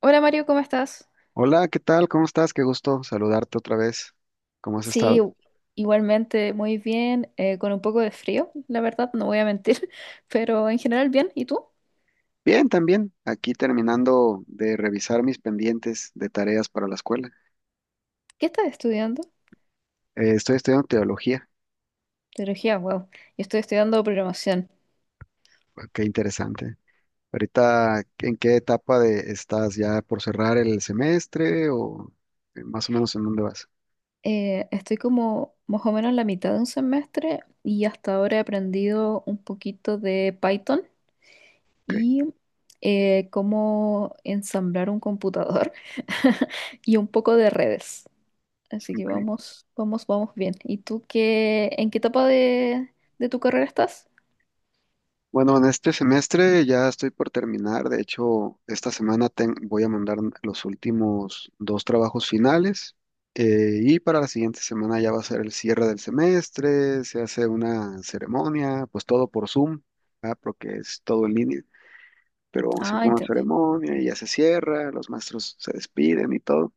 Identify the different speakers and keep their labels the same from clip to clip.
Speaker 1: Hola Mario, ¿cómo estás?
Speaker 2: Hola, ¿qué tal? ¿Cómo estás? Qué gusto saludarte otra vez. ¿Cómo has
Speaker 1: Sí,
Speaker 2: estado?
Speaker 1: u- Igualmente muy bien, con un poco de frío, la verdad, no voy a mentir, pero en general bien. ¿Y tú?
Speaker 2: Bien, también. Aquí terminando de revisar mis pendientes de tareas para la escuela.
Speaker 1: ¿Qué estás estudiando?
Speaker 2: Estoy estudiando teología.
Speaker 1: Teología, wow. Yo estoy estudiando programación.
Speaker 2: Ah, qué interesante. Ahorita, ¿en qué etapa de estás? ¿Ya por cerrar el semestre o más o menos en dónde vas?
Speaker 1: Estoy como más o menos en la mitad de un semestre y hasta ahora he aprendido un poquito de Python
Speaker 2: Ok,
Speaker 1: y cómo ensamblar un computador y un poco de redes. Así que
Speaker 2: ok.
Speaker 1: vamos, vamos, vamos bien. ¿Y tú qué, en qué etapa de tu carrera estás?
Speaker 2: Bueno, en este semestre ya estoy por terminar. De hecho, esta semana voy a mandar los últimos dos trabajos finales, y para la siguiente semana ya va a ser el cierre del semestre, se hace una ceremonia, pues todo por Zoom, ah, porque es todo en línea, pero vamos a hacer
Speaker 1: Ah,
Speaker 2: una
Speaker 1: entiendo.
Speaker 2: ceremonia y ya se cierra, los maestros se despiden y todo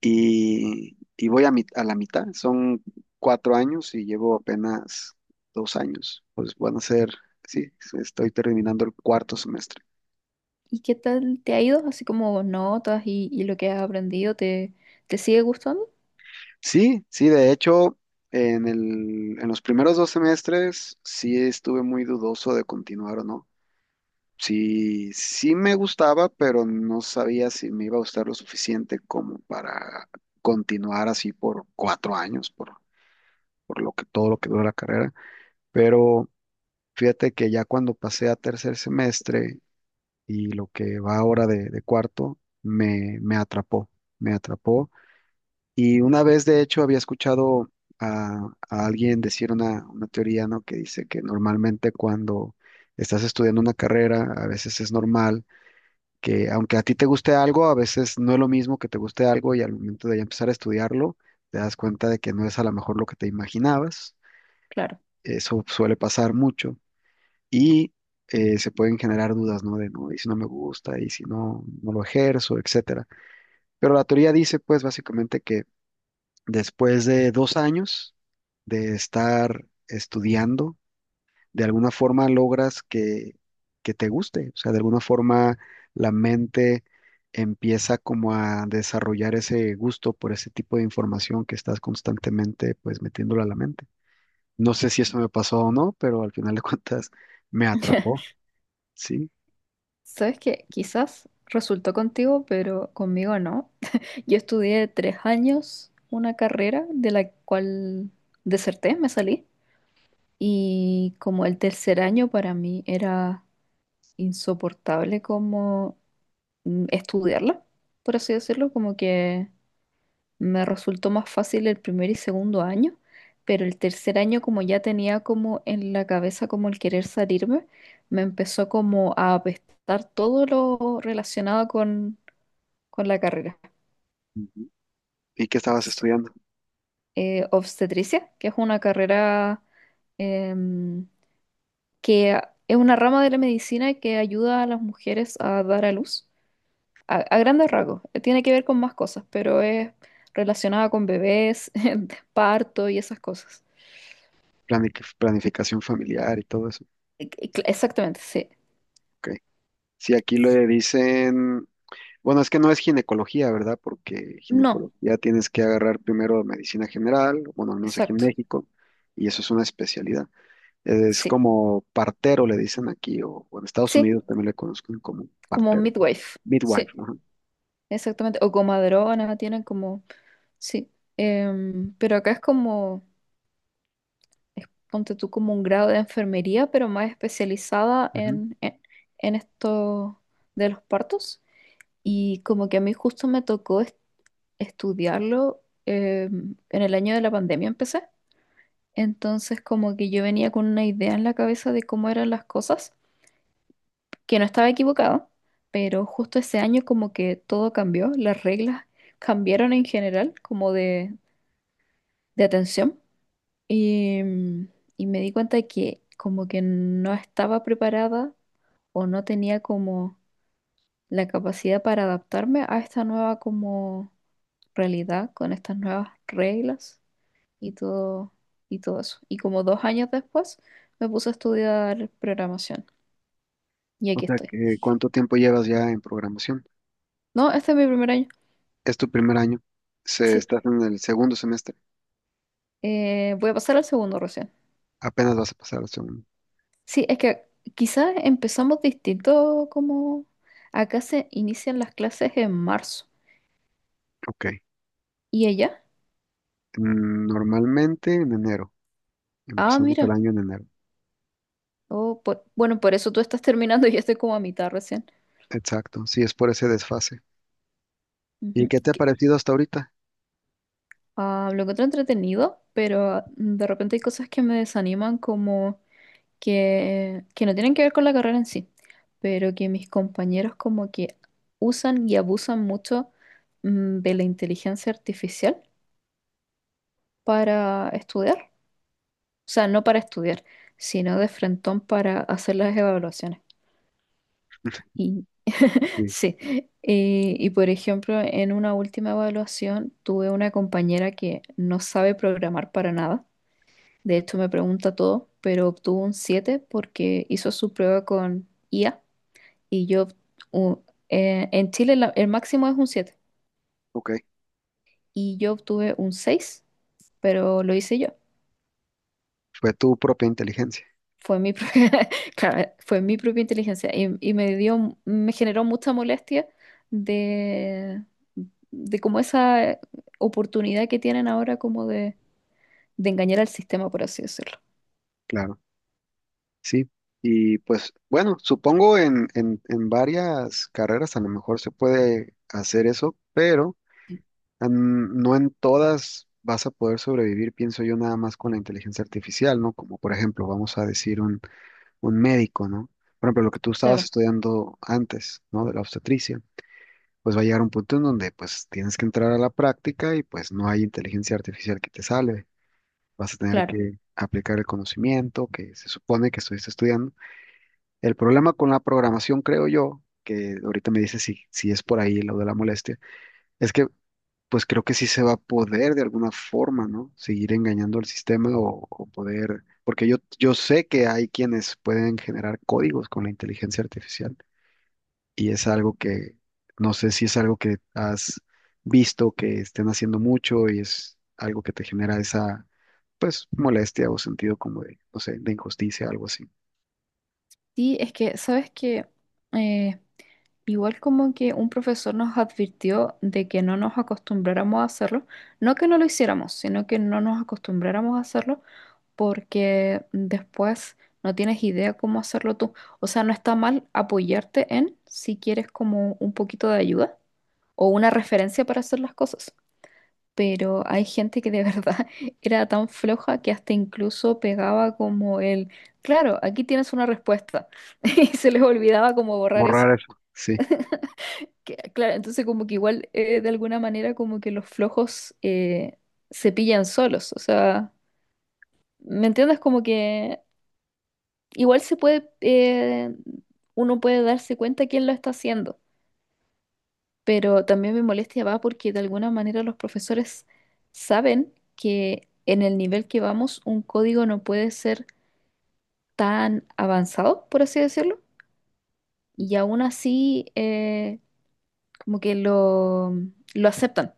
Speaker 2: y voy a, a la mitad. Son cuatro años y llevo apenas dos años. Pues van a ser, sí, estoy terminando el cuarto semestre.
Speaker 1: ¿Y qué tal te ha ido? Así como notas y lo que has aprendido, te sigue gustando?
Speaker 2: Sí, sí, de hecho, en los primeros dos semestres sí estuve muy dudoso de continuar o no. Sí, sí me gustaba, pero no sabía si me iba a gustar lo suficiente como para continuar así por cuatro años, por lo que todo lo que dura la carrera. Pero fíjate que ya cuando pasé a tercer semestre y lo que va ahora de cuarto, me atrapó, me atrapó. Y una vez, de hecho, había escuchado a alguien decir una teoría, ¿no? Que dice que normalmente cuando estás estudiando una carrera, a veces es normal que aunque a ti te guste algo, a veces no es lo mismo que te guste algo y al momento de ya empezar a estudiarlo, te das cuenta de que no es a lo mejor lo que te imaginabas.
Speaker 1: Claro.
Speaker 2: Eso suele pasar mucho y se pueden generar dudas, ¿no? De, no, y si no me gusta, y si no, no lo ejerzo, etcétera. Pero la teoría dice, pues, básicamente que después de dos años de estar estudiando, de alguna forma logras que te guste, o sea, de alguna forma la mente empieza como a desarrollar ese gusto por ese tipo de información que estás constantemente, pues, metiéndola a la mente. No sé si eso me pasó o no, pero al final de cuentas me atrapó, ¿sí?
Speaker 1: Sabes que quizás resultó contigo, pero conmigo no. Yo estudié tres años una carrera de la cual deserté, me salí. Y como el tercer año para mí era insoportable como estudiarla, por así decirlo, como que me resultó más fácil el primer y segundo año, pero el tercer año como ya tenía como en la cabeza como el querer salirme, me empezó como a apestar todo lo relacionado con la carrera.
Speaker 2: ¿Y qué estabas
Speaker 1: Sí.
Speaker 2: estudiando?
Speaker 1: Obstetricia, que es una carrera em, es una rama de la medicina que ayuda a las mujeres a dar a luz a grandes rasgos, tiene que ver con más cosas, pero es relacionada con bebés, parto y esas cosas.
Speaker 2: Planificación familiar y todo eso.
Speaker 1: Exactamente, sí.
Speaker 2: Ok. Sí, aquí le dicen, bueno, es que no es ginecología, ¿verdad? Porque
Speaker 1: No,
Speaker 2: ginecología tienes que agarrar primero medicina general, bueno, al menos aquí en
Speaker 1: exacto.
Speaker 2: México, y eso es una especialidad. Es
Speaker 1: Sí,
Speaker 2: como partero, le dicen aquí, o en Estados
Speaker 1: sí,
Speaker 2: Unidos también le conocen como
Speaker 1: como
Speaker 2: partero,
Speaker 1: midwife.
Speaker 2: midwife,
Speaker 1: Sí,
Speaker 2: ajá.
Speaker 1: exactamente. O comadrona, tienen como, sí. Pero acá es como, ponte tú como un grado de enfermería, pero más especializada
Speaker 2: Ujú.
Speaker 1: en esto de los partos. Y como que a mí justo me tocó estudiarlo en el año de la pandemia empecé. Entonces como que yo venía con una idea en la cabeza de cómo eran las cosas, que no estaba equivocado, pero justo ese año como que todo cambió, las reglas cambiaron en general como de atención y, y me di cuenta de que como que no estaba preparada o no tenía como la capacidad para adaptarme a esta nueva como realidad con estas nuevas reglas. y todo, y todo eso. Y como dos años después me puse a estudiar programación y
Speaker 2: O
Speaker 1: aquí
Speaker 2: sea,
Speaker 1: estoy.
Speaker 2: que ¿cuánto tiempo llevas ya en programación?
Speaker 1: No, este es mi primer año.
Speaker 2: Es tu primer año, se,
Speaker 1: Sí,
Speaker 2: estás en el segundo semestre,
Speaker 1: Voy a pasar al segundo recién.
Speaker 2: apenas vas a pasar al segundo.
Speaker 1: Sí, es que quizás empezamos distinto como acá se inician las clases en marzo
Speaker 2: Ok.
Speaker 1: y allá.
Speaker 2: Mm, normalmente en enero.
Speaker 1: Ah,
Speaker 2: Empezamos el
Speaker 1: mira.
Speaker 2: año en enero.
Speaker 1: Bueno, por eso tú estás terminando y yo estoy como a mitad recién.
Speaker 2: Exacto. Sí, es por ese desfase. ¿Y
Speaker 1: Ujú.
Speaker 2: qué te ha parecido hasta ahorita?
Speaker 1: Ah, lo encuentro entretenido, pero de repente hay cosas que me desaniman como que no tienen que ver con la carrera en sí, pero que mis compañeros como que usan y abusan mucho de la inteligencia artificial para estudiar. O sea, no para estudiar, sino de frentón para hacer las evaluaciones. Y
Speaker 2: Sí.
Speaker 1: sí, y por ejemplo, en una última evaluación tuve una compañera que no sabe programar para nada. De hecho, me pregunta todo, pero obtuvo un 7 porque hizo su prueba con IA y u- en Chile el máximo es un 7
Speaker 2: Ok.
Speaker 1: y yo obtuve un seis, pero lo hice yo.
Speaker 2: Fue tu propia inteligencia.
Speaker 1: Fue mi propia, claro, fue mi propia inteligencia y me dio, me generó mucha molestia de, de como esa oportunidad que tienen ahora como de engañar al sistema, por así decirlo.
Speaker 2: Claro. Sí. Y pues bueno, supongo en varias carreras a lo mejor se puede hacer eso, pero no en todas vas a poder sobrevivir, pienso yo, nada más con la inteligencia artificial, ¿no? Como por ejemplo, vamos a decir un médico, ¿no? Por ejemplo, lo que tú estabas
Speaker 1: Claro,
Speaker 2: estudiando antes, ¿no? De la obstetricia. Pues va a llegar un punto en donde pues tienes que entrar a la práctica y pues no hay inteligencia artificial que te salve. Vas a tener
Speaker 1: claro.
Speaker 2: que aplicar el conocimiento que se supone que estuviste estudiando. El problema con la programación, creo yo, que ahorita me dice si, si es por ahí lo de la molestia, es que pues creo que sí se va a poder de alguna forma, ¿no? Seguir engañando al sistema o poder, porque yo sé que hay quienes pueden generar códigos con la inteligencia artificial y es algo que no sé si es algo que has visto que estén haciendo mucho y es algo que te genera esa pues molestia o sentido como de, no sé, de injusticia, algo así.
Speaker 1: Sí, es que, ¿sabes que igual como que un profesor nos advirtió de que no nos acostumbráramos a hacerlo, no que no lo hiciéramos, sino que no nos acostumbráramos a hacerlo porque después no tienes idea cómo hacerlo tú? O sea, no está mal apoyarte en si quieres como un poquito de ayuda o una referencia para hacer las cosas, pero hay gente que de verdad era tan floja que hasta incluso pegaba como el, claro, aquí tienes una respuesta y se les olvidaba como borrar eso.
Speaker 2: Borrar eso. Sí,
Speaker 1: Claro, entonces como que igual de alguna manera como que los flojos se pillan solos, o sea, ¿me entiendes? Como que igual se puede, uno puede darse cuenta quién lo está haciendo, pero también me molestia va porque de alguna manera los profesores saben que en el nivel que vamos un código no puede ser tan avanzado, por así decirlo, y aún así como que lo aceptan.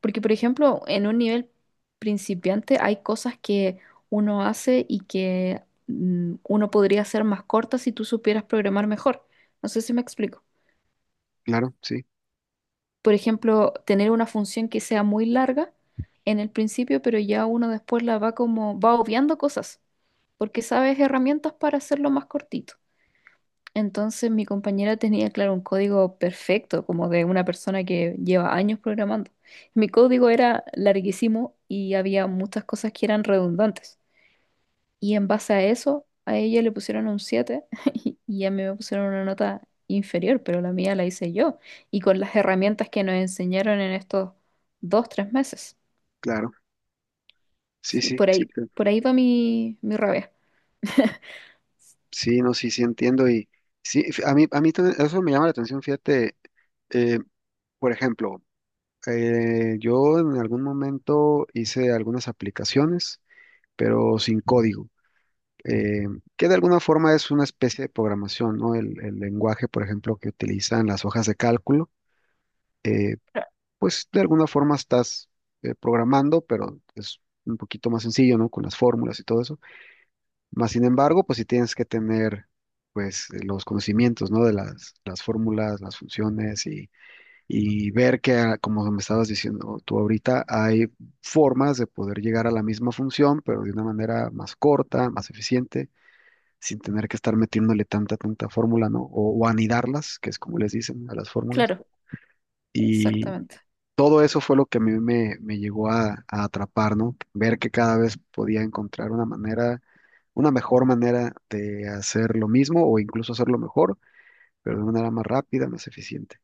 Speaker 1: Porque, por ejemplo, en un nivel principiante hay cosas que uno hace y que uno podría hacer más cortas si tú supieras programar mejor. No sé si me explico.
Speaker 2: claro, sí,
Speaker 1: Por ejemplo, tener una función que sea muy larga en el principio, pero ya uno después la va como, va obviando cosas, porque sabes herramientas para hacerlo más cortito. Entonces mi compañera tenía, claro, un código perfecto, como de una persona que lleva años programando. Mi código era larguísimo y había muchas cosas que eran redundantes. Y en base a eso, a ella le pusieron un 7 y a mí me pusieron una nota inferior, pero la mía la hice yo y con las herramientas que nos enseñaron en estos dos, tres meses.
Speaker 2: claro. Sí,
Speaker 1: Sí,
Speaker 2: sí, sí,
Speaker 1: por ahí va mi rabia.
Speaker 2: sí, no, sí, sí entiendo y sí, a mí también eso me llama la atención, fíjate, eh, por ejemplo, yo en algún momento hice algunas aplicaciones, pero sin código. eh, que de alguna forma es una especie de programación, ¿no? El lenguaje, por ejemplo, que utilizan las hojas de cálculo, eh, pues de alguna forma estás programando, pero es un poquito más sencillo, ¿no? Con las fórmulas y todo eso. Más sin embargo, pues sí tienes que tener, pues, los conocimientos, ¿no? De las fórmulas, las funciones y ver que, ah, como me estabas diciendo tú ahorita, hay formas de poder llegar a la misma función, pero de una manera más corta, más eficiente sin tener que estar metiéndole tanta fórmula, ¿no? O anidarlas, que es como les dicen a las fórmulas.
Speaker 1: Claro,
Speaker 2: Y
Speaker 1: exactamente.
Speaker 2: todo eso fue lo que a mí me llegó a atrapar, ¿no? Ver que cada vez podía encontrar una manera, una mejor manera de hacer lo mismo o incluso hacerlo mejor, pero de una manera más rápida, más eficiente.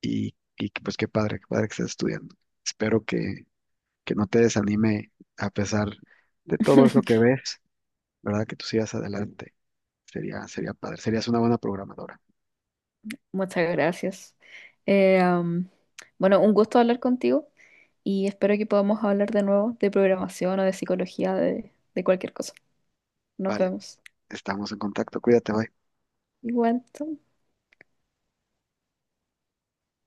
Speaker 2: Y que, pues qué padre que estés estudiando. Espero que no te desanime a pesar de todo eso que ves, ¿verdad? Que tú sigas adelante. Sería, sería padre, serías una buena programadora.
Speaker 1: Muchas gracias. Eh, am, bueno, un gusto hablar contigo y espero que podamos hablar de nuevo de programación o de psicología, de cualquier cosa. Nos
Speaker 2: Vale,
Speaker 1: vemos.
Speaker 2: estamos en contacto. Cuídate, bye.
Speaker 1: Igual, chao.